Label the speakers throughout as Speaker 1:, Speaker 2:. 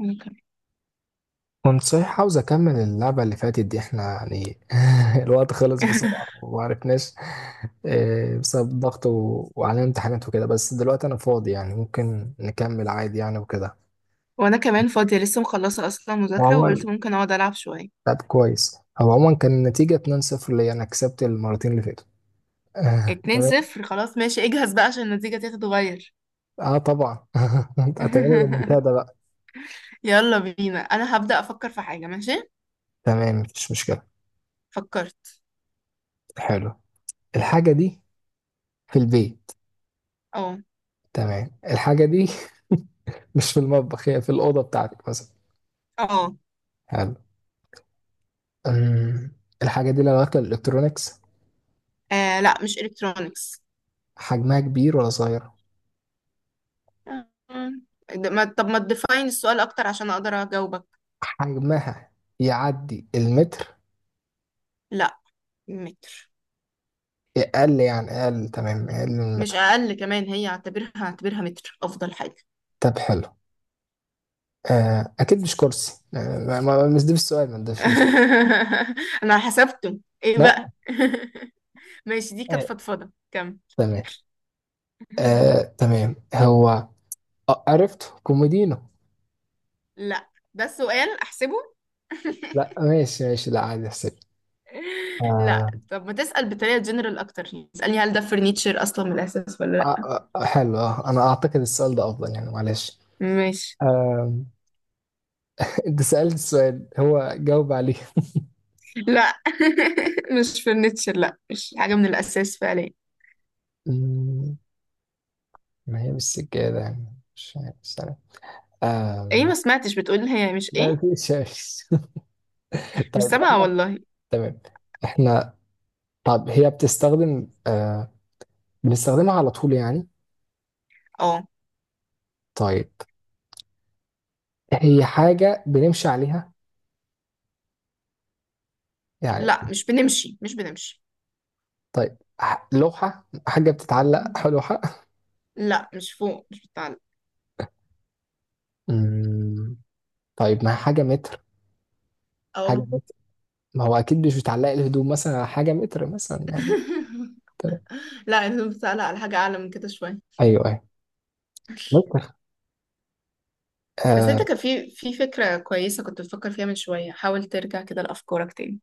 Speaker 1: وأنا كمان
Speaker 2: كنت صحيح عاوز اكمل اللعبه اللي فاتت دي احنا يعني. الوقت خلص بسرعه ومعرفناش. آه، بسبب ضغط وعلينا امتحانات وكده. بس دلوقتي انا فاضي يعني ممكن نكمل عادي يعني وكده.
Speaker 1: وأنا كمان فاضية لسه مخلصة أصلا مذاكرة،
Speaker 2: وعموما
Speaker 1: وقلت ممكن أقعد ألعب شوية.
Speaker 2: لعب كويس. هو عموما كان النتيجه 2-0 ليا، انا كسبت المرتين اللي فاتوا. آه،
Speaker 1: اتنين
Speaker 2: تمام.
Speaker 1: صفر، خلاص ماشي اجهز بقى عشان النتيجة تتغير.
Speaker 2: اه طبعا. هتعملها بالمنتدى بقى.
Speaker 1: يلا بينا، أنا هبدأ أفكر في حاجة. ماشي،
Speaker 2: تمام مفيش مشكله.
Speaker 1: فكرت.
Speaker 2: حلو. الحاجه دي في البيت.
Speaker 1: اه.
Speaker 2: تمام الحاجه دي مش في المطبخ، هي في الاوضه بتاعتك مثلا.
Speaker 1: اه.
Speaker 2: حلو. أم، الحاجة دي لو داخلة الإلكترونيكس.
Speaker 1: لا مش إلكترونيكس.
Speaker 2: حجمها كبير ولا صغير؟
Speaker 1: ما طب ما تديفاين السؤال أكتر عشان أقدر أجاوبك.
Speaker 2: حجمها يعدي المتر.
Speaker 1: لا، متر.
Speaker 2: أقل يعني، أقل تمام، أقل من
Speaker 1: مش
Speaker 2: المتر.
Speaker 1: أقل كمان، هي اعتبرها اعتبرها متر أفضل حاجة.
Speaker 2: طب حلو. آه أكيد مش كرسي. آه مش ده السؤال، ما ده السؤال.
Speaker 1: أنا حسبته إيه
Speaker 2: لا.
Speaker 1: بقى؟ ماشي، دي كانت
Speaker 2: آه،
Speaker 1: فضفضة.
Speaker 2: تمام.
Speaker 1: كم.
Speaker 2: آه تمام هو. آه عرفت كوميدينو.
Speaker 1: لا ده السؤال، احسبه.
Speaker 2: لا ماشي ماشي، لا عادي احسب.
Speaker 1: لا
Speaker 2: آه
Speaker 1: طب ما تسأل بطريقة جنرال اكتر. اسألني هل ده فرنيتشر اصلا من الاساس ولا لا.
Speaker 2: آه. آه، حلو. آه أنا أعتقد السؤال ده أفضل يعني، معلش.
Speaker 1: ماشي.
Speaker 2: آه. أنت سألت السؤال، هو جاوب عليه.
Speaker 1: لا. مش فرنيتشر، لا مش حاجة من الاساس فعليا.
Speaker 2: مم. ما هي بالسجادة يعني، مش عارف السنة.
Speaker 1: ايه،
Speaker 2: آم.
Speaker 1: ما سمعتش بتقول هي مش ايه.
Speaker 2: لا في شمس.
Speaker 1: مش
Speaker 2: طيب
Speaker 1: سامعة
Speaker 2: احنا
Speaker 1: والله.
Speaker 2: تمام، احنا طب هي بتستخدم آه، بنستخدمها على طول يعني.
Speaker 1: اه.
Speaker 2: طيب، هي حاجة بنمشي عليها يعني؟
Speaker 1: لا مش بنمشي، مش بنمشي.
Speaker 2: طيب ح- لوحة، حاجة بتتعلق على لوحة؟
Speaker 1: لا مش فوق، مش بتعلق.
Speaker 2: مم. طيب، ما هي حاجة متر، حاجة
Speaker 1: اه.
Speaker 2: متر. ما هو أكيد مش بتعلق الهدوم مثلا على حاجة متر مثلا يعني. تمام.
Speaker 1: لا انت بتعلق على حاجة اعلى من كده شوية.
Speaker 2: أيوه أيوه. متر.
Speaker 1: بس
Speaker 2: آه
Speaker 1: انت كان في فكرة كويسة كنت بتفكر فيها من شوية، حاول ترجع كده لأفكارك تاني.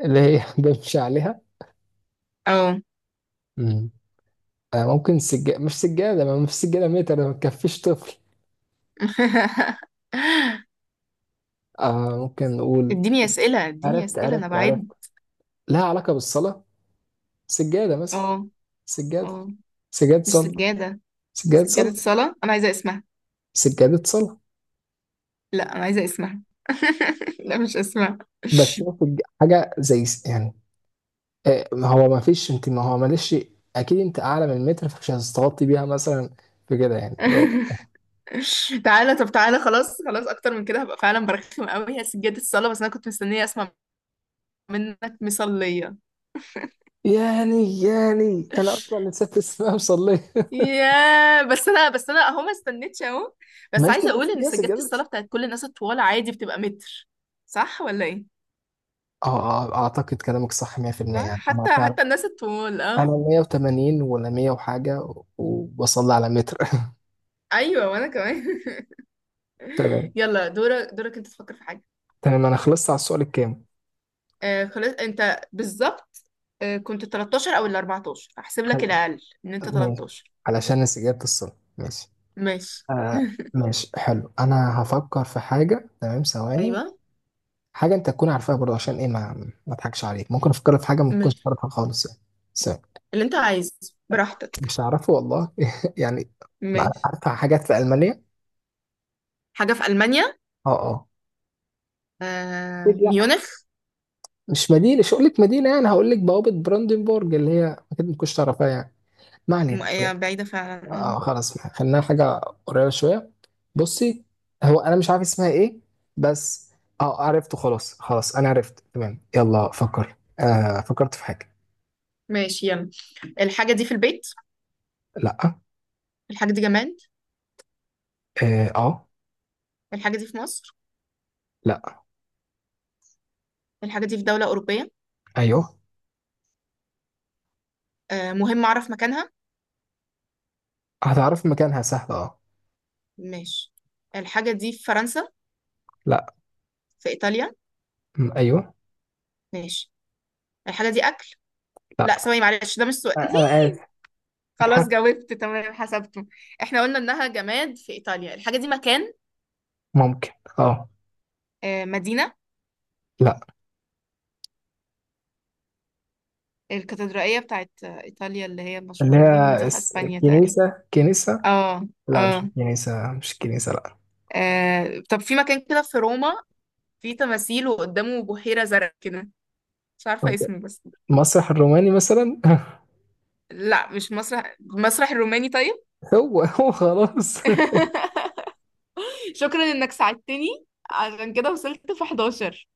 Speaker 2: اللي هي بنمشي عليها.
Speaker 1: اه.
Speaker 2: مم. آه ممكن سجادة. مش سجادة، ما فيش سجادة متر، ما تكفيش طفل. آه ممكن نقول
Speaker 1: اديني اسئله، اديني
Speaker 2: عرفت
Speaker 1: اسئله انا
Speaker 2: عرفت عرفت.
Speaker 1: بعد.
Speaker 2: لها علاقة بالصلاة، سجادة مثلا.
Speaker 1: اه.
Speaker 2: سجادة.
Speaker 1: اه.
Speaker 2: سجادة
Speaker 1: مش
Speaker 2: صلاة.
Speaker 1: سجاده.
Speaker 2: سجادة
Speaker 1: سجاده
Speaker 2: صلاة.
Speaker 1: صلاه انا عايزه اسمها.
Speaker 2: سجادة صلاة.
Speaker 1: لا انا عايزه اسمها. لا مش اسمها.
Speaker 2: بس هو سج- حاجة زي س- يعني. آه ما هو ما فيش، انت ما هو معلش. اكيد انت اعلى من المتر فمش هتستغطي بيها مثلا. في كده يعني اللي هو.
Speaker 1: تعالى، طب تعالى، خلاص خلاص اكتر من كده هبقى فعلا برخم قوي. هي سجاده الصلاه، بس انا كنت مستنيه اسمع منك مصليه.
Speaker 2: يعني يعني انا اصلا نسيت اسمها مصلية.
Speaker 1: يا بس انا اهو ما استنيتش اهو. بس
Speaker 2: ماشي
Speaker 1: عايزه
Speaker 2: بس
Speaker 1: اقول ان
Speaker 2: هي
Speaker 1: سجاده
Speaker 2: سجادة.
Speaker 1: الصلاه بتاعت كل الناس الطوال عادي بتبقى متر. صح ولا ايه؟
Speaker 2: اه. آه، اعتقد كلامك صح 100%
Speaker 1: صح،
Speaker 2: يعني. انا
Speaker 1: حتى الناس الطوال،
Speaker 2: انا
Speaker 1: اه.
Speaker 2: 180 ولا 100 وحاجه، وبصلي على متر.
Speaker 1: ايوه وانا كمان.
Speaker 2: تمام
Speaker 1: يلا دورك دورك، انت تفكر في حاجه.
Speaker 2: تمام. انا خلصت على السؤال الكام.
Speaker 1: آه خلاص، انت بالظبط. آه، كنت 13 او ال 14، احسب لك
Speaker 2: حلو.
Speaker 1: الاقل ان انت
Speaker 2: ماشي.
Speaker 1: 13.
Speaker 2: علشان استجابه الصلاه. ماشي.
Speaker 1: ماشي.
Speaker 2: آه ماشي حلو، انا هفكر في حاجه تمام. ثواني.
Speaker 1: ايوه،
Speaker 2: حاجه انت تكون عارفها برضه عشان ايه، ما ما اضحكش عليك. ممكن افكر في حاجه ما تكونش
Speaker 1: ماشي
Speaker 2: تعرفها خالص يعني. ثواني.
Speaker 1: اللي انت عايزه، براحتك.
Speaker 2: مش هعرفه والله يعني. ما
Speaker 1: ماشي.
Speaker 2: عارفه حاجات في المانيا.
Speaker 1: حاجه في المانيا.
Speaker 2: اه اه.
Speaker 1: آه،
Speaker 2: أكيد لا،
Speaker 1: ميونخ.
Speaker 2: مش مدينه. مش هقول لك مدينه يعني، هقول لك بوابه براندنبورج اللي هي اكيد ما تكونش تعرفها يعني. ما علينا.
Speaker 1: هي بعيده فعلا، اه.
Speaker 2: اه خلاص، خلينا حاجة قريبة شوية. بصي، هو أنا مش عارف اسمها إيه بس. اه عرفته، خلاص خلاص أنا عرفت. تمام يلا فكر. آه فكرت في حاجة.
Speaker 1: ماشي يلا. الحاجه دي في البيت.
Speaker 2: لأ.
Speaker 1: الحاجه دي جماد.
Speaker 2: آه، آه.
Speaker 1: الحاجه دي في مصر.
Speaker 2: لأ.
Speaker 1: الحاجه دي في دوله اوروبيه.
Speaker 2: أيوه.
Speaker 1: آه، مهم اعرف مكانها.
Speaker 2: هتعرف مكانها سهل اه.
Speaker 1: ماشي، الحاجة دي في فرنسا.
Speaker 2: لأ.
Speaker 1: في إيطاليا.
Speaker 2: م- أيوه.
Speaker 1: ماشي. الحاجة دي أكل. لا
Speaker 2: لأ.
Speaker 1: ثواني معلش، ده مش سؤال.
Speaker 2: آه، أنا آسف.
Speaker 1: خلاص
Speaker 2: بتحب.
Speaker 1: جاوبت، تمام حسبته. احنا قلنا إنها جماد في إيطاليا. الحاجة دي مكان.
Speaker 2: ممكن. اه.
Speaker 1: آه، مدينة.
Speaker 2: لأ.
Speaker 1: الكاتدرائية بتاعت إيطاليا اللي هي
Speaker 2: اللي
Speaker 1: المشهورة دي، ولا
Speaker 2: هي
Speaker 1: دي في
Speaker 2: اس-
Speaker 1: أسبانيا تقريبا.
Speaker 2: كنيسة كنيسة.
Speaker 1: اه.
Speaker 2: لأ مش
Speaker 1: اه.
Speaker 2: كنيسة، مش كنيسة لأ.
Speaker 1: طب في مكان كده في روما، في تماثيل وقدامه بحيرة زرق كده، مش عارفة اسمه بس.
Speaker 2: المسرح الروماني مثلا.
Speaker 1: لا مش مسرح، مسرح الروماني طيب.
Speaker 2: هو هو خلاص.
Speaker 1: شكرا انك ساعدتني، عشان كده وصلت في 11.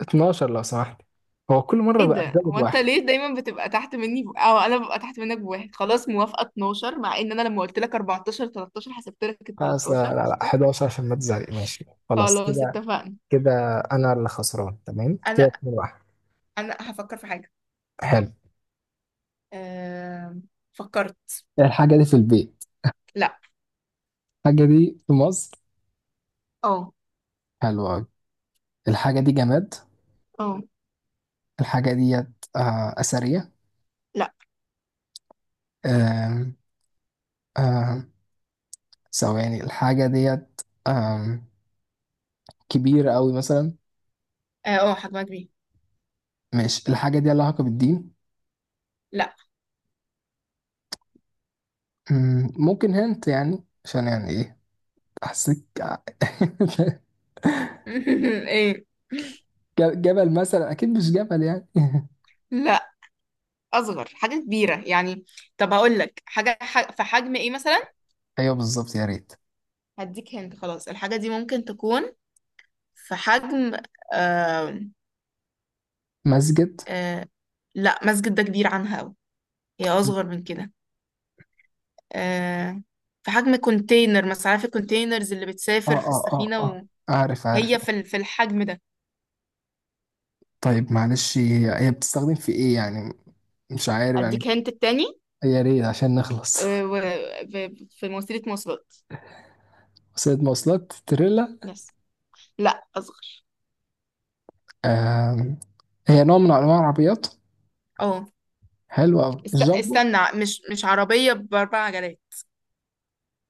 Speaker 2: 12 لو سمحت. هو كل مرة
Speaker 1: ايه
Speaker 2: بقى
Speaker 1: ده؟
Speaker 2: زائد
Speaker 1: هو انت
Speaker 2: واحد.
Speaker 1: ليه دايما بتبقى تحت مني ب... او انا ببقى تحت منك بواحد؟ خلاص موافقة 12، مع ان انا لما قلت لك 14 13، حسبت لك ال
Speaker 2: خلاص،
Speaker 1: 13
Speaker 2: لا لا لا
Speaker 1: قشطة.
Speaker 2: 11، عشان ما تزعلي. ماشي خلاص
Speaker 1: خلاص
Speaker 2: كده.
Speaker 1: اتفقنا.
Speaker 2: كده أنا اللي خسران، تمام كده
Speaker 1: انا
Speaker 2: 2 واحد.
Speaker 1: انا هفكر في حاجة.
Speaker 2: حلو.
Speaker 1: أم... فكرت.
Speaker 2: الحاجة دي في البيت.
Speaker 1: لا.
Speaker 2: الحاجة دي في مصر.
Speaker 1: اه.
Speaker 2: حلو أوي. الحاجة دي جماد.
Speaker 1: اه.
Speaker 2: الحاجة ديت آه أثرية.
Speaker 1: لا.
Speaker 2: آم، آم، ثواني. الحاجة ديت آم، كبيرة أوي مثلا.
Speaker 1: اه. آه، حجمها كبير.
Speaker 2: ماشي. الحاجة دي لها علاقة بالدين.
Speaker 1: لا.
Speaker 2: ممكن هنت يعني، عشان يعني إيه أحسك.
Speaker 1: ايه؟
Speaker 2: ج- جبل مثلا؟ اكيد مش جبل يعني.
Speaker 1: لا، اصغر حاجة كبيرة يعني. طب هقول لك حاجة في حجم ايه مثلا.
Speaker 2: ايوه بالظبط، يا ريت.
Speaker 1: هديك هنت، خلاص الحاجة دي ممكن تكون في حجم. آه.
Speaker 2: مسجد.
Speaker 1: آه، لا مسجد ده كبير عنها أوي، هي أصغر من كده. آه، في حجم كونتينر مثلا. عارف الكونتينرز اللي
Speaker 2: اه
Speaker 1: بتسافر في
Speaker 2: اه اه
Speaker 1: السفينة،
Speaker 2: اه. عارف عارف.
Speaker 1: وهي في الحجم ده.
Speaker 2: طيب معلش، هي هي بتستخدم في ايه يعني؟ مش عارف يعني.
Speaker 1: أديك هنت التاني.
Speaker 2: يا ريت عشان نخلص.
Speaker 1: آه و- في وسيلة مواصلات.
Speaker 2: وسيلة مواصلات، تريلا؟
Speaker 1: يس. لا أصغر.
Speaker 2: آم. هي نوع من انواع العربيات.
Speaker 1: اه.
Speaker 2: حلو قوي، الجامبو.
Speaker 1: استنى، مش عربية بأربع عجلات.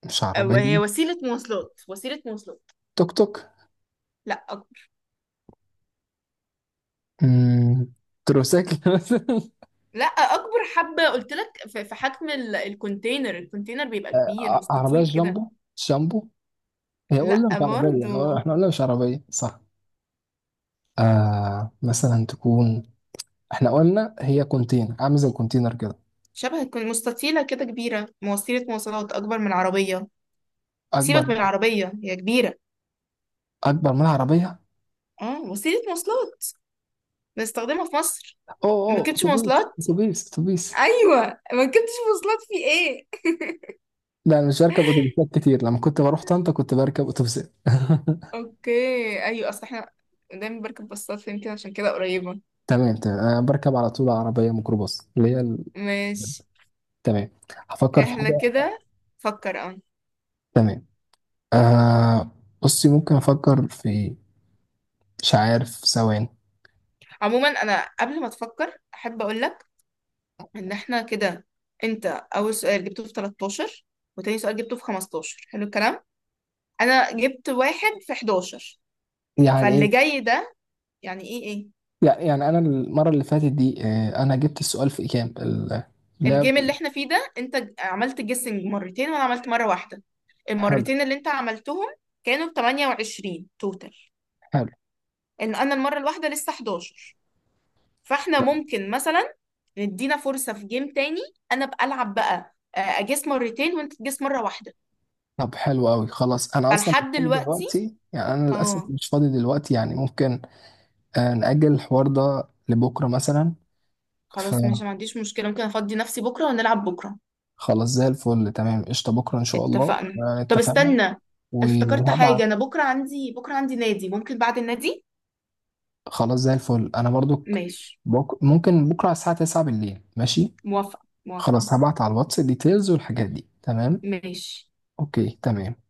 Speaker 2: مش
Speaker 1: أو هي
Speaker 2: عربية؟
Speaker 1: وسيلة مواصلات، وسيلة مواصلات.
Speaker 2: توك توك.
Speaker 1: لا أكبر.
Speaker 2: مم. تروسيكل مثلا.
Speaker 1: لا أكبر حبة، قلت لك في حجم الكونتينر، الكونتينر بيبقى كبير
Speaker 2: ع- عربية
Speaker 1: مستطيل كده.
Speaker 2: جامبو. جامبو. هي
Speaker 1: لا
Speaker 2: قلنا مش عربية، هو
Speaker 1: برضو.
Speaker 2: احنا قلنا مش عربية صح؟ آه مثلا تكون، احنا قلنا هي كونتينر، عامل زي الكونتينر كده.
Speaker 1: شبه تكون مستطيلة كده كبيرة، وسيلة مواصلات أكبر من العربية.
Speaker 2: اكبر.
Speaker 1: سيبك من العربية، هي كبيرة.
Speaker 2: اكبر من العربيه.
Speaker 1: اه، وسيلة مواصلات بنستخدمها في مصر.
Speaker 2: اوه اوه،
Speaker 1: مركبتش
Speaker 2: اتوبيس
Speaker 1: مواصلات.
Speaker 2: اتوبيس اتوبيس.
Speaker 1: أيوة، مركبتش مواصلات في إيه؟
Speaker 2: لا انا مش بركب اتوبيسات كتير، لما كنت بروح طنطا كنت بركب اتوبيسات.
Speaker 1: أوكي أيوة، أصل إحنا دايما بركب باصات، يمكن عشان كده قريبة.
Speaker 2: تمام تمام، انا بركب على طول عربيه ميكروباص اللي هي ال-.
Speaker 1: ماشي
Speaker 2: تمام. هفكر في
Speaker 1: إحنا
Speaker 2: حاجه.
Speaker 1: كده. فكر، اه.
Speaker 2: تمام. آه بصي، ممكن افكر في، مش عارف ثواني.
Speaker 1: عموما أنا قبل ما تفكر أحب أقولك إن إحنا كده: أنت أول سؤال جبته في 13، وتاني سؤال جبته في 15، حلو الكلام. انا جبت واحد في 11.
Speaker 2: يعني
Speaker 1: فاللي
Speaker 2: ايه؟
Speaker 1: جاي ده يعني ايه ايه.
Speaker 2: يعني يعني انا المره اللي فاتت دي آه، انا جبت السؤال في كام ال-. لا.
Speaker 1: الجيم اللي احنا فيه ده انت عملت جيسنج مرتين، وانا عملت مرة واحدة.
Speaker 2: حلو
Speaker 1: المرتين اللي انت عملتهم كانوا ب 28 توتال.
Speaker 2: حلو.
Speaker 1: ان انا المرة الواحدة لسه 11. فاحنا ممكن مثلا ندينا فرصة في جيم تاني. انا بقى العب بقى آه، اجيس مرتين وانت تجيس مرة واحدة.
Speaker 2: طب حلو قوي. خلاص انا اصلا مش
Speaker 1: فلحد
Speaker 2: فاضي
Speaker 1: دلوقتي،
Speaker 2: دلوقتي يعني، انا للاسف
Speaker 1: اه.
Speaker 2: مش فاضي دلوقتي يعني. ممكن آه، نأجل الحوار ده لبكره مثلا.
Speaker 1: خلاص ماشي، ما عنديش مشكلة. ممكن افضي نفسي بكرة ونلعب بكرة.
Speaker 2: فخلاص زي الفل تمام، قشطه بكره ان شاء الله.
Speaker 1: اتفقنا.
Speaker 2: آه،
Speaker 1: طب
Speaker 2: اتفقنا.
Speaker 1: استنى، افتكرت
Speaker 2: وهبعت.
Speaker 1: حاجة. أنا بكرة عندي، بكرة عندي نادي، ممكن بعد النادي.
Speaker 2: خلاص زي الفل انا برضك.
Speaker 1: ماشي
Speaker 2: ممكن بكره على الساعه 9 بالليل، ماشي.
Speaker 1: موافقة موافقة.
Speaker 2: خلاص هبعت على الواتس ديتيلز والحاجات دي تمام.
Speaker 1: ماشي.
Speaker 2: اوكي تمام.